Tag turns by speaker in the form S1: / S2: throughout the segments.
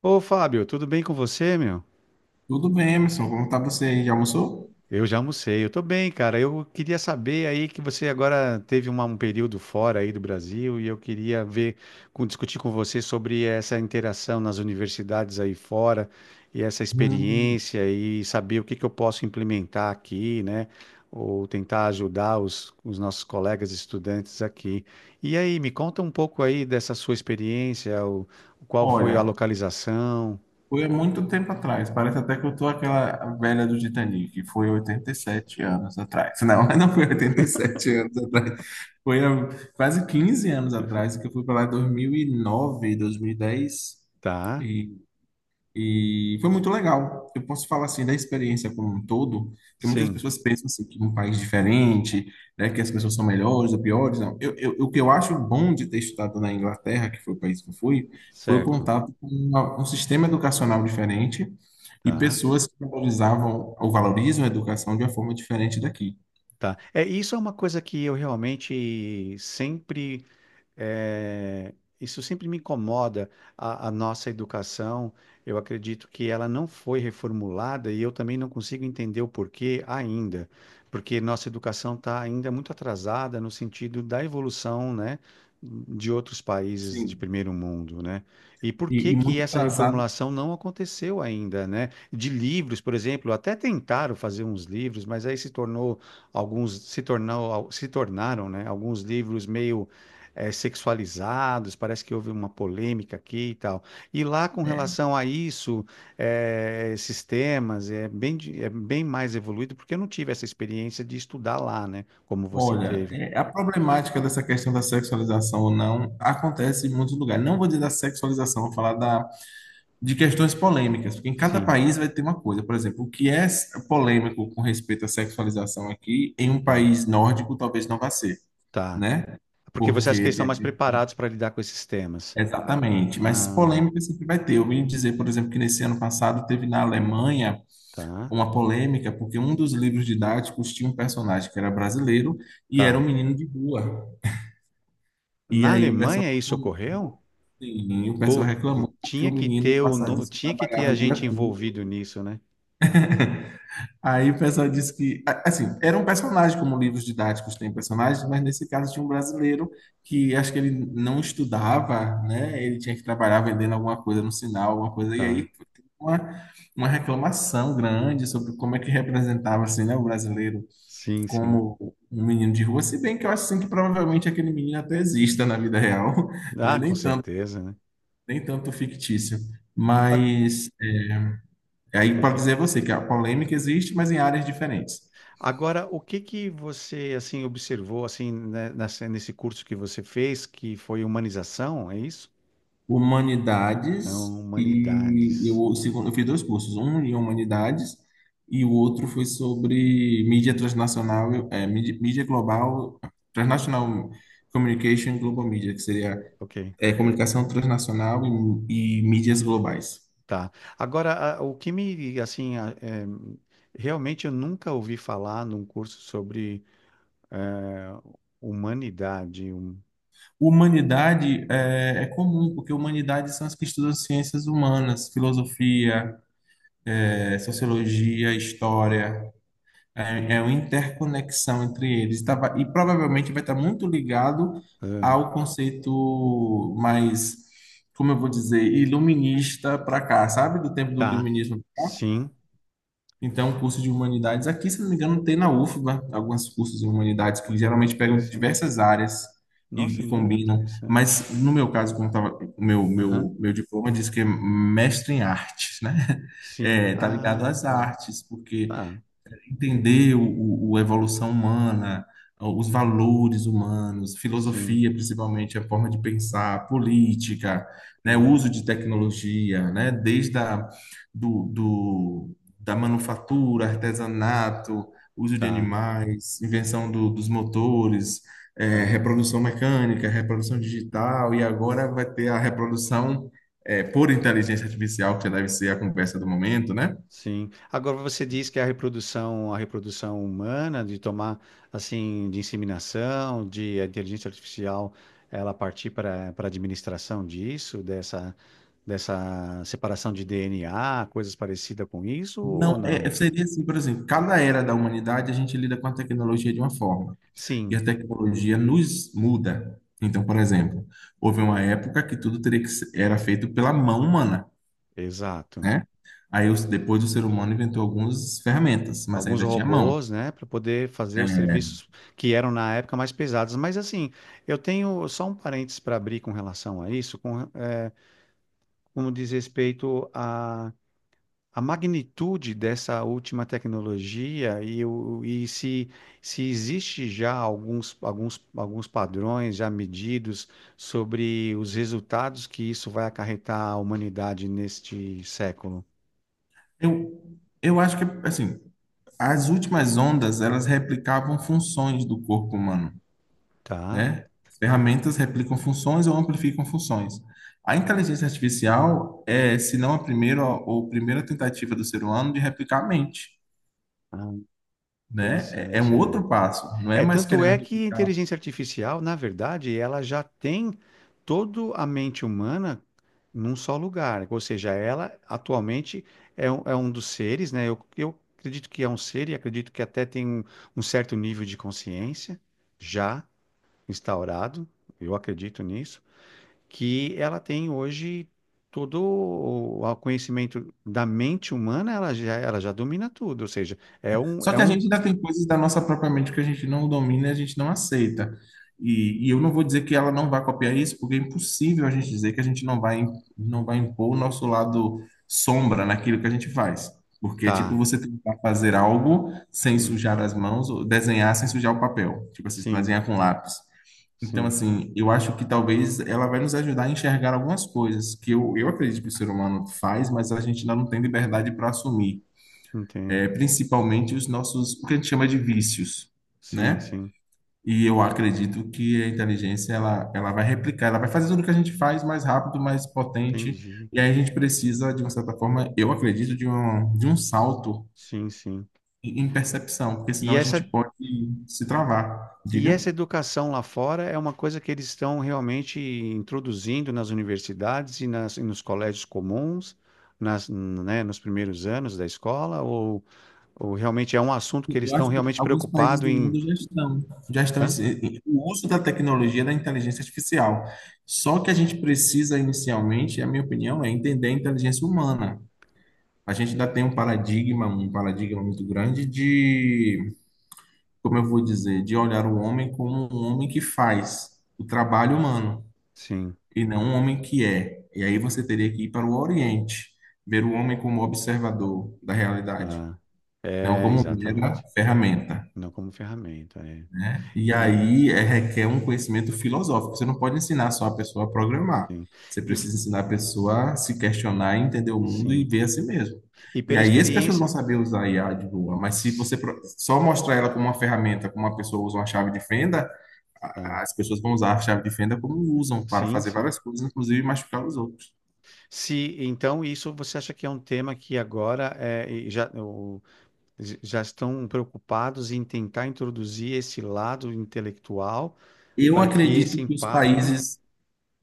S1: Ô Fábio, tudo bem com você, meu?
S2: Tudo bem, Emerson? Como tá você aí? Já almoçou?
S1: Eu já almocei, eu tô bem, cara. Eu queria saber aí que você agora teve um período fora aí do Brasil e eu queria ver, discutir com você sobre essa interação nas universidades aí fora e essa
S2: Hum,
S1: experiência e saber o que que eu posso implementar aqui, né? Ou tentar ajudar os nossos colegas estudantes aqui. E aí, me conta um pouco aí dessa sua experiência, o, qual foi a
S2: Olha,
S1: localização,
S2: foi há muito tempo atrás. Parece até que eu tô aquela velha do Titanic, que foi 87 anos atrás. Não, não foi 87 anos atrás. Foi há quase 15 anos atrás, que eu fui para lá em 2009, 2010. E nove,
S1: tá?
S2: dois mil e dez. E E foi muito legal. Eu posso falar assim da experiência como um todo, que muitas
S1: Sim,
S2: pessoas pensam assim que um país diferente, né, que as pessoas são melhores ou piores. Não. O que eu acho bom de ter estudado na Inglaterra, que foi o país que eu fui, foi o
S1: certo.
S2: contato com um sistema educacional diferente e
S1: Tá,
S2: pessoas que valorizavam ou valorizam a educação de uma forma diferente daqui.
S1: tá. É, isso é uma coisa que eu realmente sempre, é, isso sempre me incomoda, a nossa educação. Eu acredito que ela não foi reformulada e eu também não consigo entender o porquê ainda, porque nossa educação está ainda muito atrasada no sentido da evolução, né, de outros países de
S2: Sim.
S1: primeiro mundo, né? E por
S2: E,
S1: que
S2: e
S1: que
S2: muito
S1: essa
S2: atrasada.
S1: reformulação não aconteceu ainda, né? De livros, por exemplo, até tentaram fazer uns livros, mas aí se tornou, alguns se tornaram, né, alguns livros meio, sexualizados, parece que houve uma polêmica aqui e tal. E lá, com
S2: É.
S1: relação a isso, esses temas, é bem, é bem mais evoluído, porque eu não tive essa experiência de estudar lá, né? Como você
S2: Olha,
S1: teve.
S2: a problemática dessa questão da sexualização ou não acontece em muitos lugares. Não vou dizer da sexualização, vou falar de questões polêmicas, porque em cada
S1: Sim,
S2: país vai ter uma coisa. Por exemplo, o que é polêmico com respeito à sexualização aqui, em um
S1: tá,
S2: país nórdico talvez não vá ser,
S1: tá.
S2: né?
S1: Porque você acha que
S2: Porque
S1: eles estão
S2: tem
S1: mais
S2: aqui.
S1: preparados para lidar com esses temas?
S2: Exatamente, mas
S1: Ah,
S2: polêmica sempre vai ter. Eu vim dizer, por exemplo, que nesse ano passado teve na Alemanha
S1: tá,
S2: uma polêmica, porque um dos livros didáticos tinha um personagem que era brasileiro e era um
S1: tá.
S2: menino de rua. E
S1: Na
S2: aí o pessoal
S1: Alemanha isso ocorreu?
S2: reclamou, sim, o pessoal
S1: Pô,
S2: reclamou porque
S1: tinha
S2: o
S1: que
S2: menino
S1: ter o,
S2: passava,
S1: no-
S2: disse que
S1: tinha que ter
S2: trabalhava
S1: a
S2: o dia
S1: gente
S2: todo.
S1: envolvido nisso, né?
S2: Aí o pessoal disse que, assim, era um personagem, como livros didáticos têm personagens, mas nesse caso tinha um brasileiro que acho que ele não estudava, né? Ele tinha que trabalhar vendendo alguma coisa no sinal, alguma coisa, e
S1: Tá.
S2: aí foi uma, uma reclamação grande sobre como é que representava, assim, né, o brasileiro
S1: Sim, sim.
S2: como um menino de rua, se bem que eu acho, assim, que provavelmente aquele menino até exista na vida real, não é
S1: Ah, com
S2: nem tanto
S1: certeza, né?
S2: nem tanto fictício, mas aí
S1: Ok.
S2: pode dizer a você que a polêmica existe, mas em áreas diferentes.
S1: Agora, o que que você assim observou assim, né, nesse curso que você fez, que foi humanização, é isso? É,
S2: Humanidades.
S1: Humanidades.
S2: Eu fiz dois cursos, um em humanidades e o outro foi sobre mídia transnacional, mídia global, transnational communication global media, que seria
S1: Ok.
S2: comunicação transnacional e mídias globais.
S1: Tá. Agora, o que me assim é, realmente eu nunca ouvi falar num curso sobre, é, humanidade.
S2: Humanidade é comum, porque humanidades são as que estudam ciências humanas, filosofia, sociologia, história, é uma interconexão entre eles. E provavelmente vai estar muito ligado
S1: Ah,
S2: ao conceito mais, como eu vou dizer, iluminista para cá, sabe? Do tempo do
S1: tá.
S2: iluminismo.
S1: Sim.
S2: Então, o curso de humanidades aqui, se não me engano, tem na UFBA alguns cursos de humanidades que
S1: Olha que
S2: geralmente pegam de
S1: interessante.
S2: diversas áreas
S1: Nossa,
S2: e,
S1: é
S2: e
S1: muito
S2: combinam.
S1: interessante.
S2: Mas no meu caso, como tava, o meu,
S1: Aham.
S2: meu, meu diploma diz que é mestre em artes, né?
S1: Sim.
S2: É, tá ligado
S1: Ah,
S2: às
S1: tá.
S2: artes, porque
S1: Tá.
S2: entender a evolução humana, os valores humanos,
S1: Sim.
S2: filosofia, principalmente a forma de pensar, política, né, o
S1: Tá.
S2: uso de tecnologia, né, desde da manufatura, artesanato, uso de
S1: Tá.
S2: animais, invenção dos motores,
S1: Tá,
S2: reprodução mecânica, reprodução digital, e agora vai ter a reprodução por inteligência artificial, que deve ser a conversa do momento, né?
S1: sim. Agora você diz que a reprodução humana, de tomar assim, de inseminação, de a inteligência artificial, ela partir para a administração disso, dessa separação de DNA, coisas parecidas com isso ou
S2: Não,
S1: não?
S2: seria assim, por exemplo, cada era da humanidade a gente lida com a tecnologia de uma forma, e a
S1: Sim,
S2: tecnologia nos muda. Então, por exemplo, houve uma época que tudo teria que ser, era feito pela mão humana,
S1: exato.
S2: né? Aí, depois o ser humano inventou algumas ferramentas, mas
S1: Alguns
S2: ainda tinha mão.
S1: robôs, né, para poder fazer os
S2: É.
S1: serviços que eram na época mais pesados. Mas assim, eu tenho só um parênteses para abrir com relação a isso, com, como diz respeito a magnitude dessa última tecnologia e, o, e se existe já alguns, alguns padrões já medidos sobre os resultados que isso vai acarretar à humanidade neste século,
S2: Eu acho que, assim, as últimas ondas, elas replicavam funções do corpo humano.
S1: tá?
S2: Né? As ferramentas replicam funções ou amplificam funções. A inteligência artificial é, se não a primeira ou primeira tentativa do ser humano de replicar a mente,
S1: Ah,
S2: né? É
S1: interessante,
S2: um
S1: é.
S2: outro passo, não é
S1: É,
S2: mais
S1: tanto
S2: querendo
S1: é que a
S2: replicar.
S1: inteligência artificial, na verdade, ela já tem toda a mente humana num só lugar. Ou seja, ela atualmente é um dos seres, né? Eu acredito que é um ser e acredito que até tem um, um certo nível de consciência já instaurado, eu acredito nisso, que ela tem hoje todo o conhecimento da mente humana, ela já domina tudo. Ou seja,
S2: Só
S1: é
S2: que a
S1: um,
S2: gente ainda tem coisas da nossa própria mente que a gente não domina, e a gente não aceita. E eu não vou dizer que ela não vai copiar isso, porque é impossível a gente dizer que a gente não vai, impor o nosso lado sombra naquilo que a gente faz. Porque é tipo
S1: tá,
S2: você tentar fazer algo sem
S1: sim,
S2: sujar as mãos, ou desenhar sem sujar o papel. Tipo assim,
S1: sim,
S2: desenhar com lápis. Então,
S1: sim.
S2: assim, eu acho que talvez ela vai nos ajudar a enxergar algumas coisas que eu acredito que o ser humano faz, mas a gente ainda não tem liberdade para assumir,
S1: Entendo.
S2: principalmente os nossos, o que a gente chama de vícios,
S1: Sim,
S2: né?
S1: sim.
S2: E eu acredito que a inteligência ela vai replicar, ela vai fazer tudo o que a gente faz mais rápido, mais potente,
S1: Entendi.
S2: e aí a gente precisa, de uma certa forma, eu acredito, de um salto
S1: Sim, sim.
S2: em percepção, porque senão
S1: E
S2: a gente
S1: essa,
S2: pode se travar.
S1: e
S2: Diga.
S1: essa educação lá fora é uma coisa que eles estão realmente introduzindo nas universidades e, e nos colégios comuns, nas, né, nos primeiros anos da escola, ou realmente é um assunto que eles
S2: Eu
S1: estão
S2: acho que
S1: realmente
S2: alguns países
S1: preocupados
S2: do
S1: em.
S2: mundo já estão, já estão
S1: Hã?
S2: em- o uso da tecnologia da inteligência artificial. Só que a gente precisa inicialmente, a minha opinião, é entender a inteligência humana. A gente ainda tem um paradigma muito grande de, como eu vou dizer, de olhar o homem como um homem que faz o trabalho humano
S1: Sim,
S2: e não um homem que é. E aí você teria que ir para o Oriente, ver o homem como observador da realidade,
S1: tá.
S2: não
S1: É,
S2: como mera
S1: exatamente.
S2: ferramenta.
S1: Não como ferramenta, é.
S2: E
S1: E,
S2: aí requer um conhecimento filosófico. Você não pode ensinar só a pessoa a programar.
S1: sim.
S2: Você
S1: E,
S2: precisa ensinar a pessoa a se questionar, entender o mundo e
S1: sim.
S2: ver a si mesmo.
S1: E
S2: E
S1: pela
S2: aí as pessoas vão
S1: experiência.
S2: saber usar I a IA de boa, mas se você
S1: s-
S2: só mostrar ela como uma ferramenta, como uma pessoa usa uma chave de fenda,
S1: ah,
S2: as pessoas vão usar a chave de fenda como usam para
S1: sim,
S2: fazer
S1: sim.
S2: várias coisas, inclusive machucar os outros.
S1: Se então isso você acha que é um tema que agora é, e já, já estão preocupados em tentar introduzir esse lado intelectual
S2: Eu
S1: para que esse
S2: acredito que os
S1: impacto
S2: países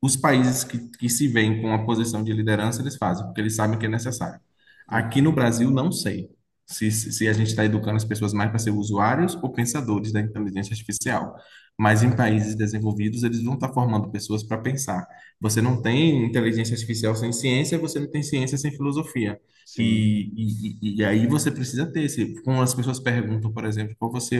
S2: Os países que se veem com a posição de liderança, eles fazem, porque eles sabem que é necessário. Aqui no
S1: entenda,
S2: Brasil, não sei se a gente está educando as pessoas mais para ser usuários ou pensadores da inteligência artificial. Mas em
S1: tá?
S2: países desenvolvidos, eles vão estar formando pessoas para pensar. Você não tem inteligência artificial sem ciência, você não tem ciência sem filosofia.
S1: Sim,
S2: E, e aí você precisa ter esse. Quando as pessoas perguntam, por exemplo, qual você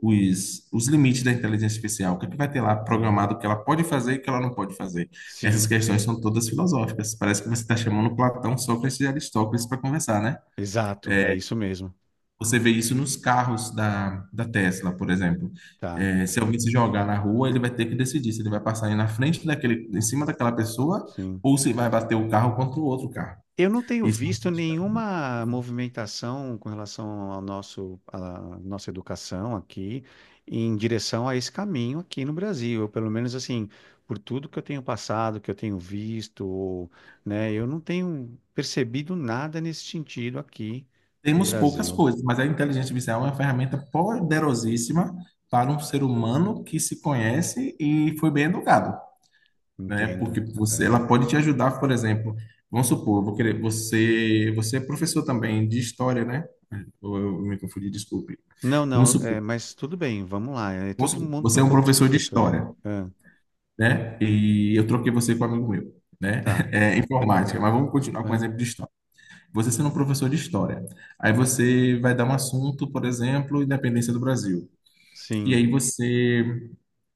S2: os, os limites da inteligência artificial, o que é que vai ter lá
S1: tá.
S2: programado que ela pode fazer e que ela não pode fazer. Essas
S1: Sim,
S2: questões são todas filosóficas. Parece que você está chamando Platão, Sócrates e Aristóteles para conversar, né?
S1: exato, é isso mesmo,
S2: Você vê isso nos carros da Tesla, por exemplo.
S1: tá?
S2: É, se alguém se jogar na rua, ele vai ter que decidir se ele vai passar aí na frente daquele, em cima daquela pessoa
S1: Sim.
S2: ou se vai bater o carro contra o outro carro.
S1: Eu não tenho
S2: Isso.
S1: visto nenhuma movimentação com relação ao nosso, à nossa educação aqui, em direção a esse caminho aqui no Brasil. Eu, pelo menos assim, por tudo que eu tenho passado, que eu tenho visto, né, eu não tenho percebido nada nesse sentido aqui no
S2: Temos poucas
S1: Brasil.
S2: coisas, mas a inteligência artificial é uma ferramenta poderosíssima para um ser humano que se conhece e foi bem educado, né?
S1: Entendo.
S2: Porque você,
S1: É.
S2: ela pode te ajudar, por exemplo, vamos supor, eu vou querer, você, você é professor também de história, né? Ou, eu me confundi, desculpe.
S1: Não, não,
S2: Vamos supor,
S1: é, mas tudo bem, vamos lá. É,
S2: vamos
S1: todo
S2: supor,
S1: mundo tem
S2: você é
S1: um
S2: um
S1: pouco de
S2: professor de
S1: professor.
S2: história,
S1: Ah,
S2: né? E eu troquei você com um amigo meu, né?
S1: tá, não
S2: É,
S1: tem
S2: informática,
S1: problema.
S2: mas vamos continuar com o
S1: Ah,
S2: exemplo de história. Você sendo um professor de história, aí você vai dar um assunto, por exemplo, independência do Brasil. E
S1: sim,
S2: aí você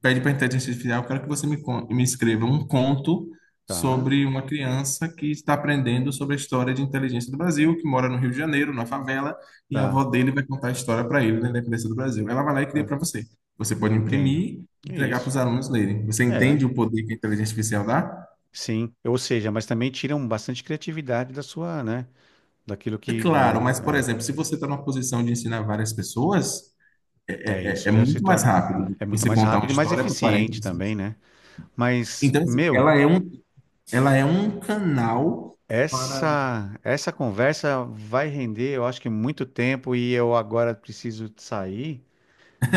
S2: pede para a inteligência artificial, eu quero que você me escreva um conto
S1: tá,
S2: sobre uma criança que está aprendendo sobre a história de inteligência do Brasil, que mora no Rio de Janeiro, na favela, e a
S1: tá.
S2: avó dele vai contar a história para ele, né, da independência do Brasil. Ela vai lá e cria
S1: Tá.
S2: para você. Você pode
S1: Entendo.
S2: imprimir e
S1: É
S2: entregar para
S1: isso.
S2: os alunos lerem. Você
S1: É,
S2: entende o poder que a inteligência artificial dá?
S1: sim. Ou seja, mas também tiram bastante criatividade da sua, né? Daquilo
S2: É
S1: que,
S2: claro,
S1: né?
S2: mas, por
S1: É,
S2: exemplo, se você está numa posição de ensinar várias pessoas, é,
S1: é
S2: é é-
S1: isso
S2: é
S1: já se
S2: muito mais
S1: torna
S2: rápido do
S1: é
S2: que
S1: muito
S2: você
S1: mais
S2: contar uma
S1: rápido e mais
S2: história para 40
S1: eficiente também,
S2: pessoas.
S1: né? Mas,
S2: Então, assim,
S1: meu,
S2: ela é um canal para.
S1: essa conversa vai render, eu acho que muito tempo e eu agora preciso sair,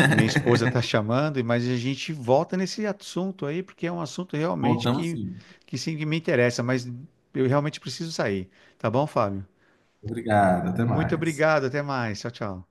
S1: que minha esposa tá chamando, mas a gente volta nesse assunto aí, porque é um assunto realmente
S2: Voltamos
S1: que
S2: sim.
S1: que sim que me interessa, mas eu realmente preciso sair, tá bom, Fábio?
S2: Obrigado, até
S1: Muito
S2: mais.
S1: obrigado, até mais. Tchau, tchau.